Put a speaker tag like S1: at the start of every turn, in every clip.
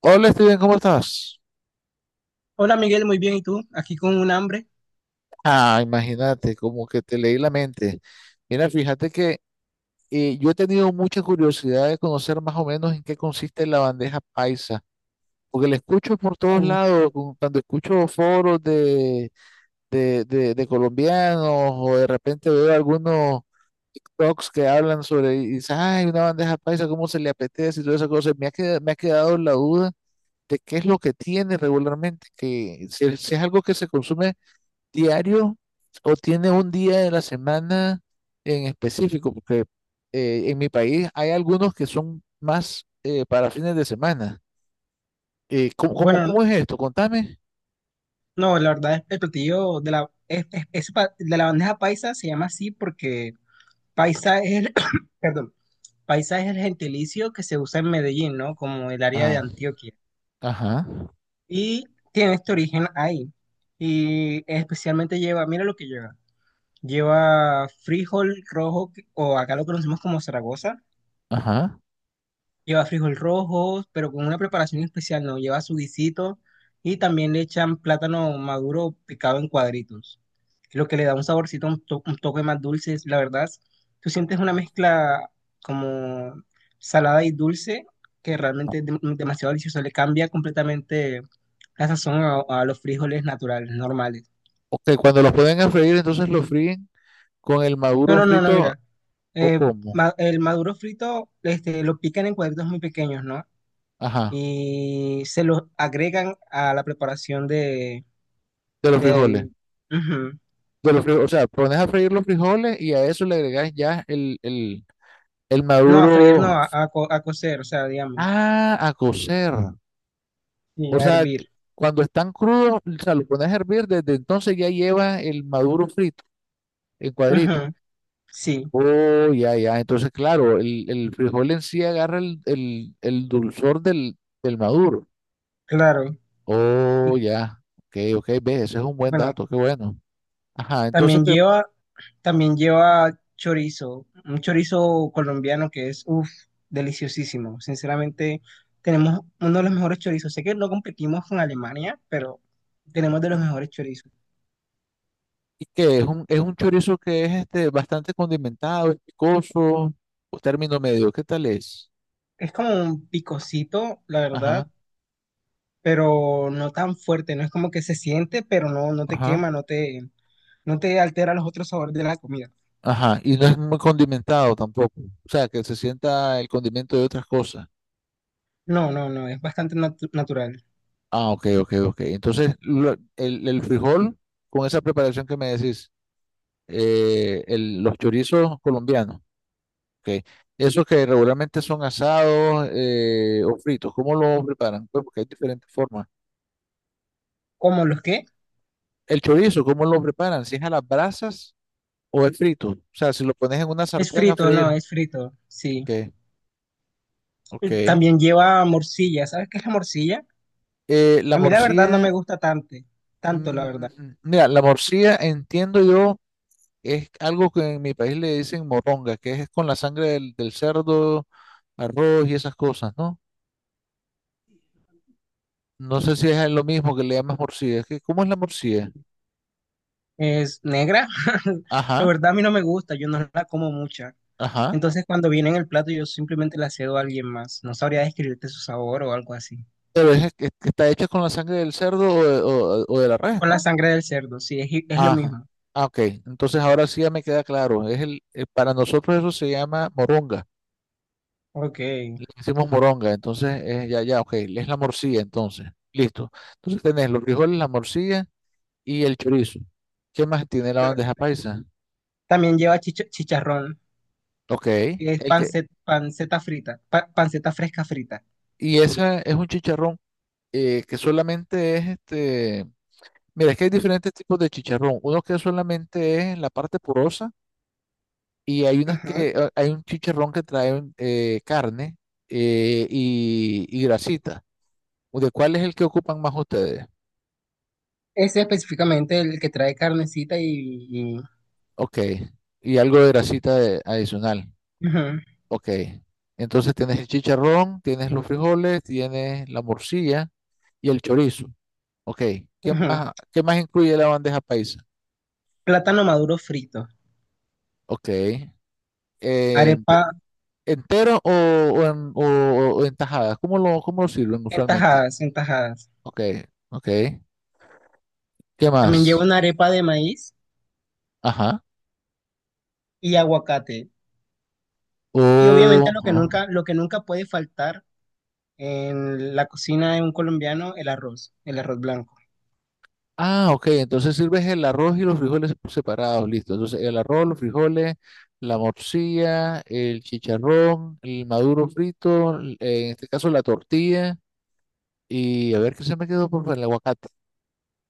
S1: Hola Steven, ¿cómo estás?
S2: Hola Miguel, muy bien. ¿Y tú? Aquí con un hambre.
S1: Ah, imagínate, como que te leí la mente. Mira, fíjate que yo he tenido mucha curiosidad de conocer más o menos en qué consiste la bandeja paisa, porque la escucho por todos
S2: Uf,
S1: lados, cuando escucho foros de colombianos o de repente veo algunos TikToks que hablan sobre, y dicen, ay, una bandeja paisa, ¿cómo se le apetece? Y todas esas cosas. Me ha quedado la duda de qué es lo que tiene regularmente, que si es algo que se consume diario o tiene un día de la semana en específico. Porque en mi país hay algunos que son más para fines de semana.
S2: Bueno,
S1: Cómo es esto? Contame.
S2: no, la verdad es el platillo de la, de la bandeja paisa se llama así porque paisa es el, perdón, paisa es el gentilicio que se usa en Medellín, ¿no? Como el área de
S1: Ah,
S2: Antioquia.
S1: ajá,
S2: Y tiene este origen ahí. Y especialmente lleva, mira lo que lleva. Lleva frijol rojo o acá lo conocemos como Zaragoza.
S1: ajá.
S2: Lleva frijol rojo, pero con una preparación especial, no. Lleva su guisito y también le echan plátano maduro picado en cuadritos. Lo que le da un saborcito, un toque más dulce. La verdad, tú sientes una mezcla como salada y dulce que realmente es demasiado delicioso. Le cambia completamente la sazón a los frijoles naturales, normales.
S1: Ok, cuando los pueden a freír, entonces los fríen con el
S2: No,
S1: maduro
S2: no, no, no,
S1: frito,
S2: mira.
S1: o
S2: Eh,
S1: cómo.
S2: el maduro frito, este, lo pican en cuadritos muy pequeños, ¿no?
S1: Ajá,
S2: Y se los agregan a la preparación de,
S1: de los frijoles.
S2: del... Ujú.
S1: De los frijoles, o sea, pones a freír los frijoles y a eso le agregas ya el
S2: No, a freír, no,
S1: maduro.
S2: a cocer, o sea, digamos,
S1: Ah, a cocer.
S2: y
S1: O
S2: a
S1: sea,
S2: hervir.
S1: cuando están crudos, o sea, lo pones a hervir, desde entonces ya lleva el maduro frito, en cuadritos.
S2: Ujú, sí,
S1: Oh, ya, ya. Entonces, claro, el frijol en sí agarra el dulzor del maduro.
S2: claro. Y
S1: Oh, ya. Ok, ok, ve, ese es un buen
S2: bueno,
S1: dato, qué bueno. Ajá, entonces,
S2: también
S1: pero,
S2: lleva, también lleva chorizo, un chorizo colombiano que es, uff, deliciosísimo. Sinceramente, tenemos uno de los mejores chorizos. Sé que no competimos con Alemania, pero tenemos de los
S1: ¿mm?
S2: mejores chorizos.
S1: ¿Y qué? Es un chorizo que es este bastante condimentado, ¿es picoso o término medio? ¿Qué tal es?
S2: Es como un picocito, la verdad,
S1: Ajá,
S2: pero no tan fuerte, no es como que se siente, pero no, no te
S1: ajá.
S2: quema, no te altera los otros sabores de la comida.
S1: Ajá, y no es muy condimentado tampoco. O sea, que se sienta el condimento de otras cosas.
S2: No, no, no, es bastante natural.
S1: Ah, ok, ok, ok. Entonces, el frijol, con esa preparación que me decís, los chorizos colombianos, ok. Esos que regularmente son asados o fritos, ¿cómo lo preparan? Pues porque hay diferentes formas.
S2: ¿Cómo los qué?
S1: El chorizo, ¿cómo lo preparan? ¿Si es a las brasas o es frito? O sea, si lo pones en una
S2: Es
S1: sartén a
S2: frito, no,
S1: freír.
S2: es frito, sí.
S1: Ok,
S2: Y
S1: ok.
S2: también lleva morcilla, ¿sabes qué es la morcilla?
S1: La
S2: A mí la verdad no me
S1: morcilla.
S2: gusta tanto, tanto la
S1: Mm,
S2: verdad.
S1: mira, la morcilla, entiendo yo, es algo que en mi país le dicen moronga, que es con la sangre del cerdo, arroz y esas cosas, ¿no? No sé si es lo mismo que le llamas morcilla. ¿Cómo es la morcilla?
S2: Es negra, la
S1: Ajá,
S2: verdad a mí no me gusta, yo no la como mucha.
S1: ajá.
S2: Entonces cuando viene en el plato yo simplemente la cedo a alguien más. No sabría describirte su sabor o algo así.
S1: Pero es que está hecha con la sangre del cerdo o de, o de la res,
S2: Con la
S1: ¿no?
S2: sangre del cerdo, sí, es lo
S1: Ajá.
S2: mismo.
S1: Ah, ok. Entonces ahora sí ya me queda claro. Es el, para nosotros eso se llama moronga.
S2: Ok.
S1: Le decimos moronga. Entonces, ya, ya, ok. Es la morcilla, entonces. Listo. Entonces tenés los frijoles, la morcilla y el chorizo. ¿Qué más tiene la
S2: Claro.
S1: bandeja paisa?
S2: También lleva chicharrón.
S1: Ok,
S2: Que es
S1: el que,
S2: panceta, panceta frita, panceta fresca frita.
S1: y esa es un chicharrón que solamente es este. Mira, es que hay diferentes tipos de chicharrón. Uno que solamente es la parte porosa y hay unas
S2: Ajá.
S1: que hay un chicharrón que trae carne y grasita. ¿De cuál es el que ocupan más ustedes?
S2: Ese específicamente el que trae carnecita y-
S1: Ok, y algo de grasita adicional.
S2: ujú,
S1: Ok. Entonces tienes el chicharrón, tienes los frijoles, tienes la morcilla y el chorizo. Ok.
S2: ujú.
S1: ¿Qué más incluye la bandeja paisa?
S2: Plátano maduro frito.
S1: Ok. Ent-
S2: Arepa
S1: ¿Entero o, o en tajadas? Cómo lo sirven
S2: en
S1: usualmente?
S2: tajadas, en tajadas.
S1: Ok, ok. ¿Qué
S2: También lleva
S1: más?
S2: una arepa de maíz
S1: Ajá.
S2: y aguacate. Y obviamente
S1: Oh,
S2: lo que nunca puede faltar en la cocina de un colombiano, el arroz blanco.
S1: ah, ok, entonces sirves el arroz y los frijoles separados, listo. Entonces el arroz, los frijoles, la morcilla, el chicharrón, el maduro frito, en este caso la tortilla, y a ver qué se me quedó por fuera, el aguacate.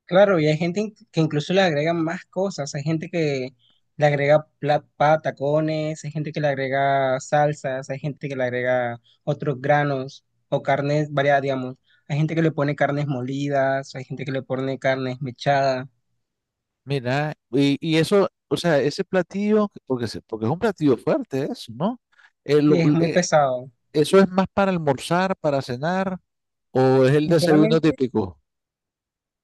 S2: Claro, y hay gente que incluso le agrega más cosas. Hay gente que le agrega tacones, hay gente que le agrega salsas, hay gente que le agrega otros granos o carnes variadas, digamos. Hay gente que le pone carnes molidas, hay gente que le pone carnes mechadas,
S1: Mira, y eso, o sea, ese platillo, porque, porque es un platillo fuerte eso, ¿no? Eh,
S2: y
S1: lo-
S2: es muy
S1: eh,
S2: pesado.
S1: ¿Eso es más para almorzar, para cenar, o es el desayuno
S2: Sinceramente,
S1: típico?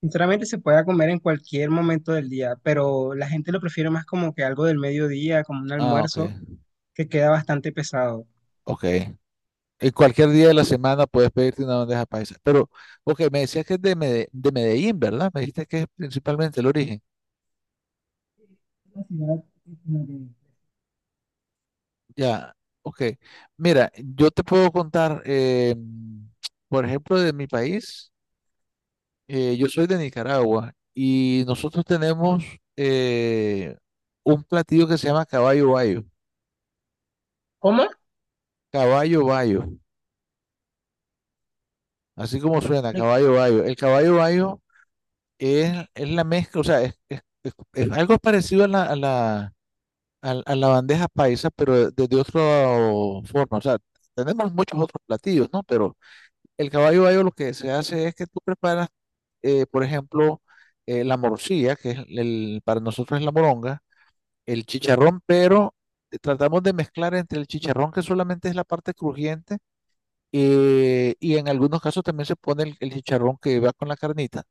S2: Sinceramente se puede comer en cualquier momento del día, pero la gente lo prefiere más como que algo del mediodía, como un
S1: Ah, ok,
S2: almuerzo, que queda bastante pesado.
S1: ok. Y cualquier día de la semana puedes pedirte una bandeja paisa. Pero, ok, me decías que es de, de Medellín, ¿verdad? Me dijiste que es principalmente el origen. Ya, ok. Mira, yo te puedo contar, por ejemplo, de mi país. Yo soy de Nicaragua y nosotros tenemos eh, un platillo que se llama caballo bayo.
S2: ¿Cómo?
S1: Caballo bayo, así como suena, caballo bayo. El caballo bayo es la mezcla, o sea, es algo parecido a la, la bandeja paisa, pero desde otra forma. O sea, tenemos muchos otros platillos, ¿no? Pero el caballo bayo lo que se hace es que tú preparas, por ejemplo, la morcilla, que es el, para nosotros es la moronga, el chicharrón, pero tratamos de mezclar entre el chicharrón, que solamente es la parte crujiente, y en algunos casos también se pone el chicharrón que va con la carnita.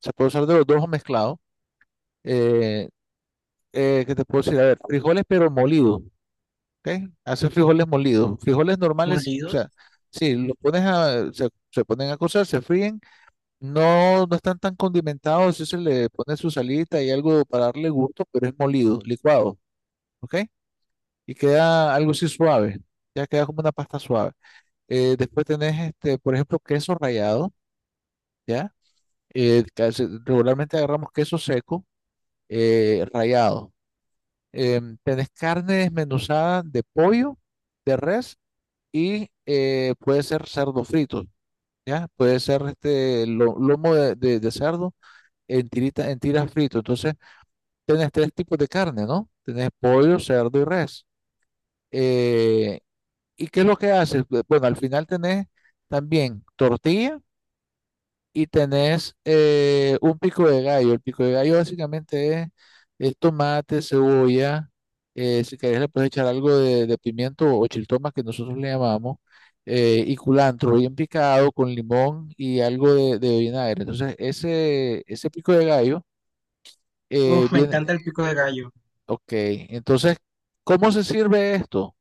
S1: Se puede usar de los dos o mezclado. Eh, ¿Qué te puedo decir? A ver, frijoles pero molidos. ¿Ok? Hace frijoles molidos, frijoles normales, o
S2: Molidos.
S1: sea, sí, los pones a, se ponen a cocer, se fríen, no, no están tan condimentados, sí se le pone su salita y algo para darle gusto, pero es molido, licuado, ¿ok? Y queda algo así suave, ya queda como una pasta suave. Después tenés, este, por ejemplo, queso rallado, ¿ya? Regularmente agarramos queso seco, rallado. Em, tenés carne desmenuzada de pollo, de res y puede ser cerdo frito, ¿ya? Puede ser este lomo de cerdo en tirita, en tiras frito. Entonces, tenés tres tipos de carne, ¿no? Tenés pollo, cerdo y res. Eh, ¿Y qué es lo que haces? Bueno, al final tenés también tortilla y tenés un pico de gallo. El pico de gallo básicamente es tomate, cebolla, si querés le puedes echar algo de pimiento o chiltoma que nosotros le llamamos, y culantro bien picado con limón y algo de vinagre. Entonces, ese pico de gallo
S2: Uf, me
S1: viene,
S2: encanta el pico de gallo.
S1: ok, entonces, ¿cómo se sirve esto?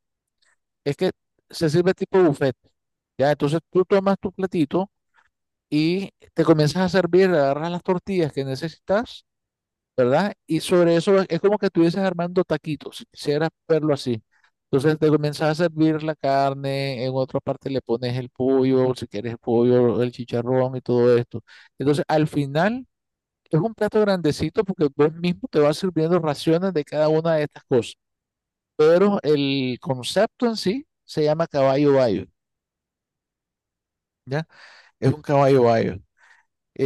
S1: Es que se sirve tipo buffet, ¿ya? Entonces tú tomas tu platito y te comienzas a servir, agarras las tortillas que necesitas, ¿verdad? Y sobre eso es como que estuvieses armando taquitos, si quisieras verlo así. Entonces te comienzas a servir la carne, en otra parte le pones el pollo, si quieres el pollo, el chicharrón y todo esto. Entonces al final es un plato grandecito porque vos mismo te vas sirviendo raciones de cada una de estas cosas. Pero el concepto en sí se llama caballo bayo, ¿ya? Es un caballo bayo.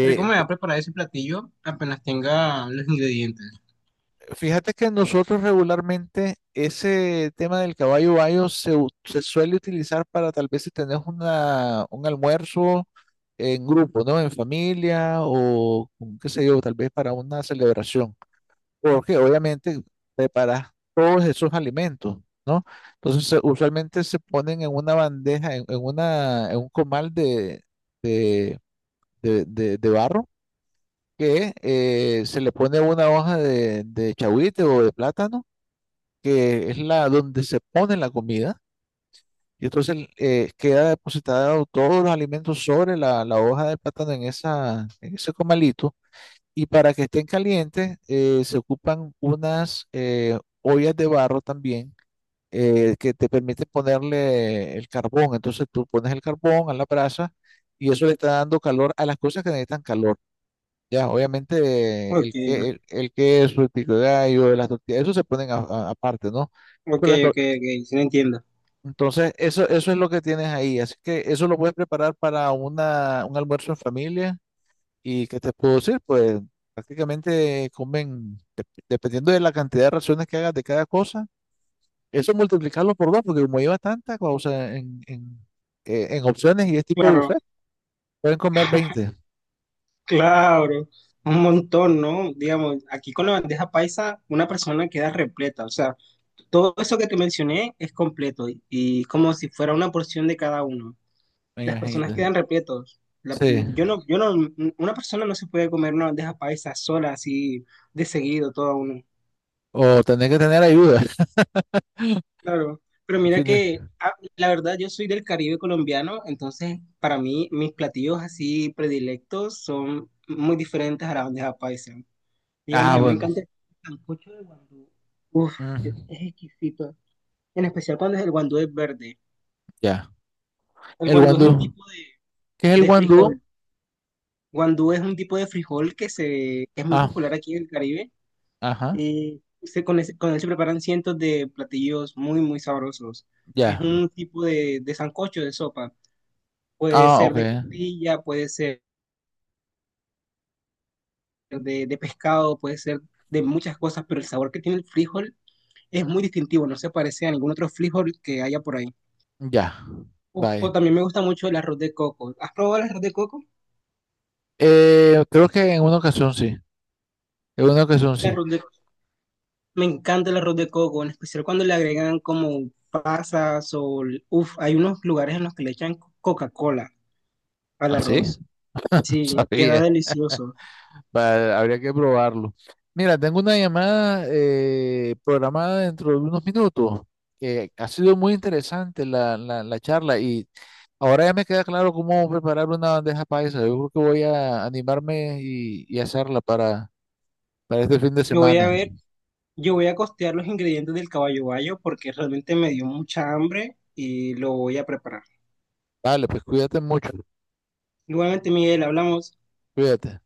S2: Creo que me voy a preparar ese platillo apenas tenga los ingredientes.
S1: Fíjate que nosotros regularmente ese tema del caballo bayo se, se suele utilizar para tal vez si tenés una, un almuerzo en grupo, ¿no? En familia qué sé yo, tal vez para una celebración. Porque obviamente preparas todos esos alimentos, ¿no? Entonces usualmente se ponen en una bandeja, en un comal de, de barro que se le pone una hoja de chahuite o de plátano, que es la donde se pone la comida, y entonces queda depositado todos los alimentos sobre la hoja de plátano en esa, en ese comalito, y para que estén calientes se ocupan unas ollas de barro también. Que te permiten ponerle el carbón. Entonces tú pones el carbón a la brasa y eso le está dando calor a las cosas que necesitan calor. Ya, obviamente
S2: Ok,
S1: el queso, el pico de gallo, las tortillas, eso se ponen aparte, ¿no?
S2: ok,
S1: Pero las, tor-
S2: ok, sí lo entiendo.
S1: Entonces, eso es lo que tienes ahí. Así que eso lo puedes preparar para una, un almuerzo en familia. ¿Y qué te puedo decir? Pues prácticamente comen, dependiendo de la cantidad de raciones que hagas de cada cosa, eso multiplicarlo por dos, porque como lleva tanta cosa en opciones y es tipo de
S2: Claro,
S1: buffet, pueden comer 20,
S2: claro, un montón, ¿no? Digamos, aquí con la bandeja paisa, una persona queda repleta, o sea, todo eso que te mencioné es completo y como si fuera una porción de cada uno.
S1: me
S2: Las personas
S1: imagino.
S2: quedan repletos.
S1: Sí.
S2: Yo no, una persona no se puede comer una bandeja paisa sola así de seguido, todo uno.
S1: O tener que tener ayuda.
S2: Claro, pero
S1: En
S2: mira
S1: fin,
S2: que ah, la verdad yo soy del Caribe colombiano, entonces para mí mis platillos así predilectos son muy diferentes a la bandeja paisa. Digamos, a
S1: ah,
S2: mí me
S1: bueno.
S2: encanta el sancocho de guandú. Uf,
S1: Mm,
S2: es exquisito. En especial cuando es el guandú es verde.
S1: ya.
S2: El
S1: El
S2: guandú es un
S1: guandú.
S2: tipo
S1: ¿Qué es el
S2: de
S1: guandú?
S2: frijol. Guandú es un tipo de frijol que se que es muy
S1: Ah,
S2: popular aquí en el Caribe.
S1: ajá.
S2: Y se, con, con él se preparan cientos de platillos muy, muy sabrosos. Es
S1: Ya.
S2: un tipo de sancocho de sopa. Puede
S1: Ah,
S2: ser
S1: ok.
S2: de costilla, puede ser de pescado, puede ser de muchas cosas, pero el sabor que tiene el frijol es muy distintivo, no se parece a ningún otro frijol que haya por ahí.
S1: Ya,
S2: Uf, o
S1: vaya.
S2: también me gusta mucho el arroz de coco. ¿Has probado el arroz de coco?
S1: Creo que en una ocasión sí, en una ocasión
S2: El
S1: sí.
S2: arroz de- Me encanta el arroz de coco, en especial cuando le agregan como pasas o... Uf, hay unos lugares en los que le echan Coca-Cola al
S1: ¿Así?
S2: arroz.
S1: No
S2: Sí, queda
S1: sabía.
S2: delicioso.
S1: Habría que probarlo. Mira, tengo una llamada programada dentro de unos minutos, que ha sido muy interesante la charla, y ahora ya me queda claro cómo preparar una bandeja paisa. Yo creo que voy a animarme y hacerla para este fin de
S2: Yo voy a
S1: semana.
S2: ver. Yo voy a costear los ingredientes del caballo bayo porque realmente me dio mucha hambre y lo voy a preparar.
S1: Vale, pues cuídate mucho,
S2: Igualmente, Miguel, hablamos.
S1: cuídate.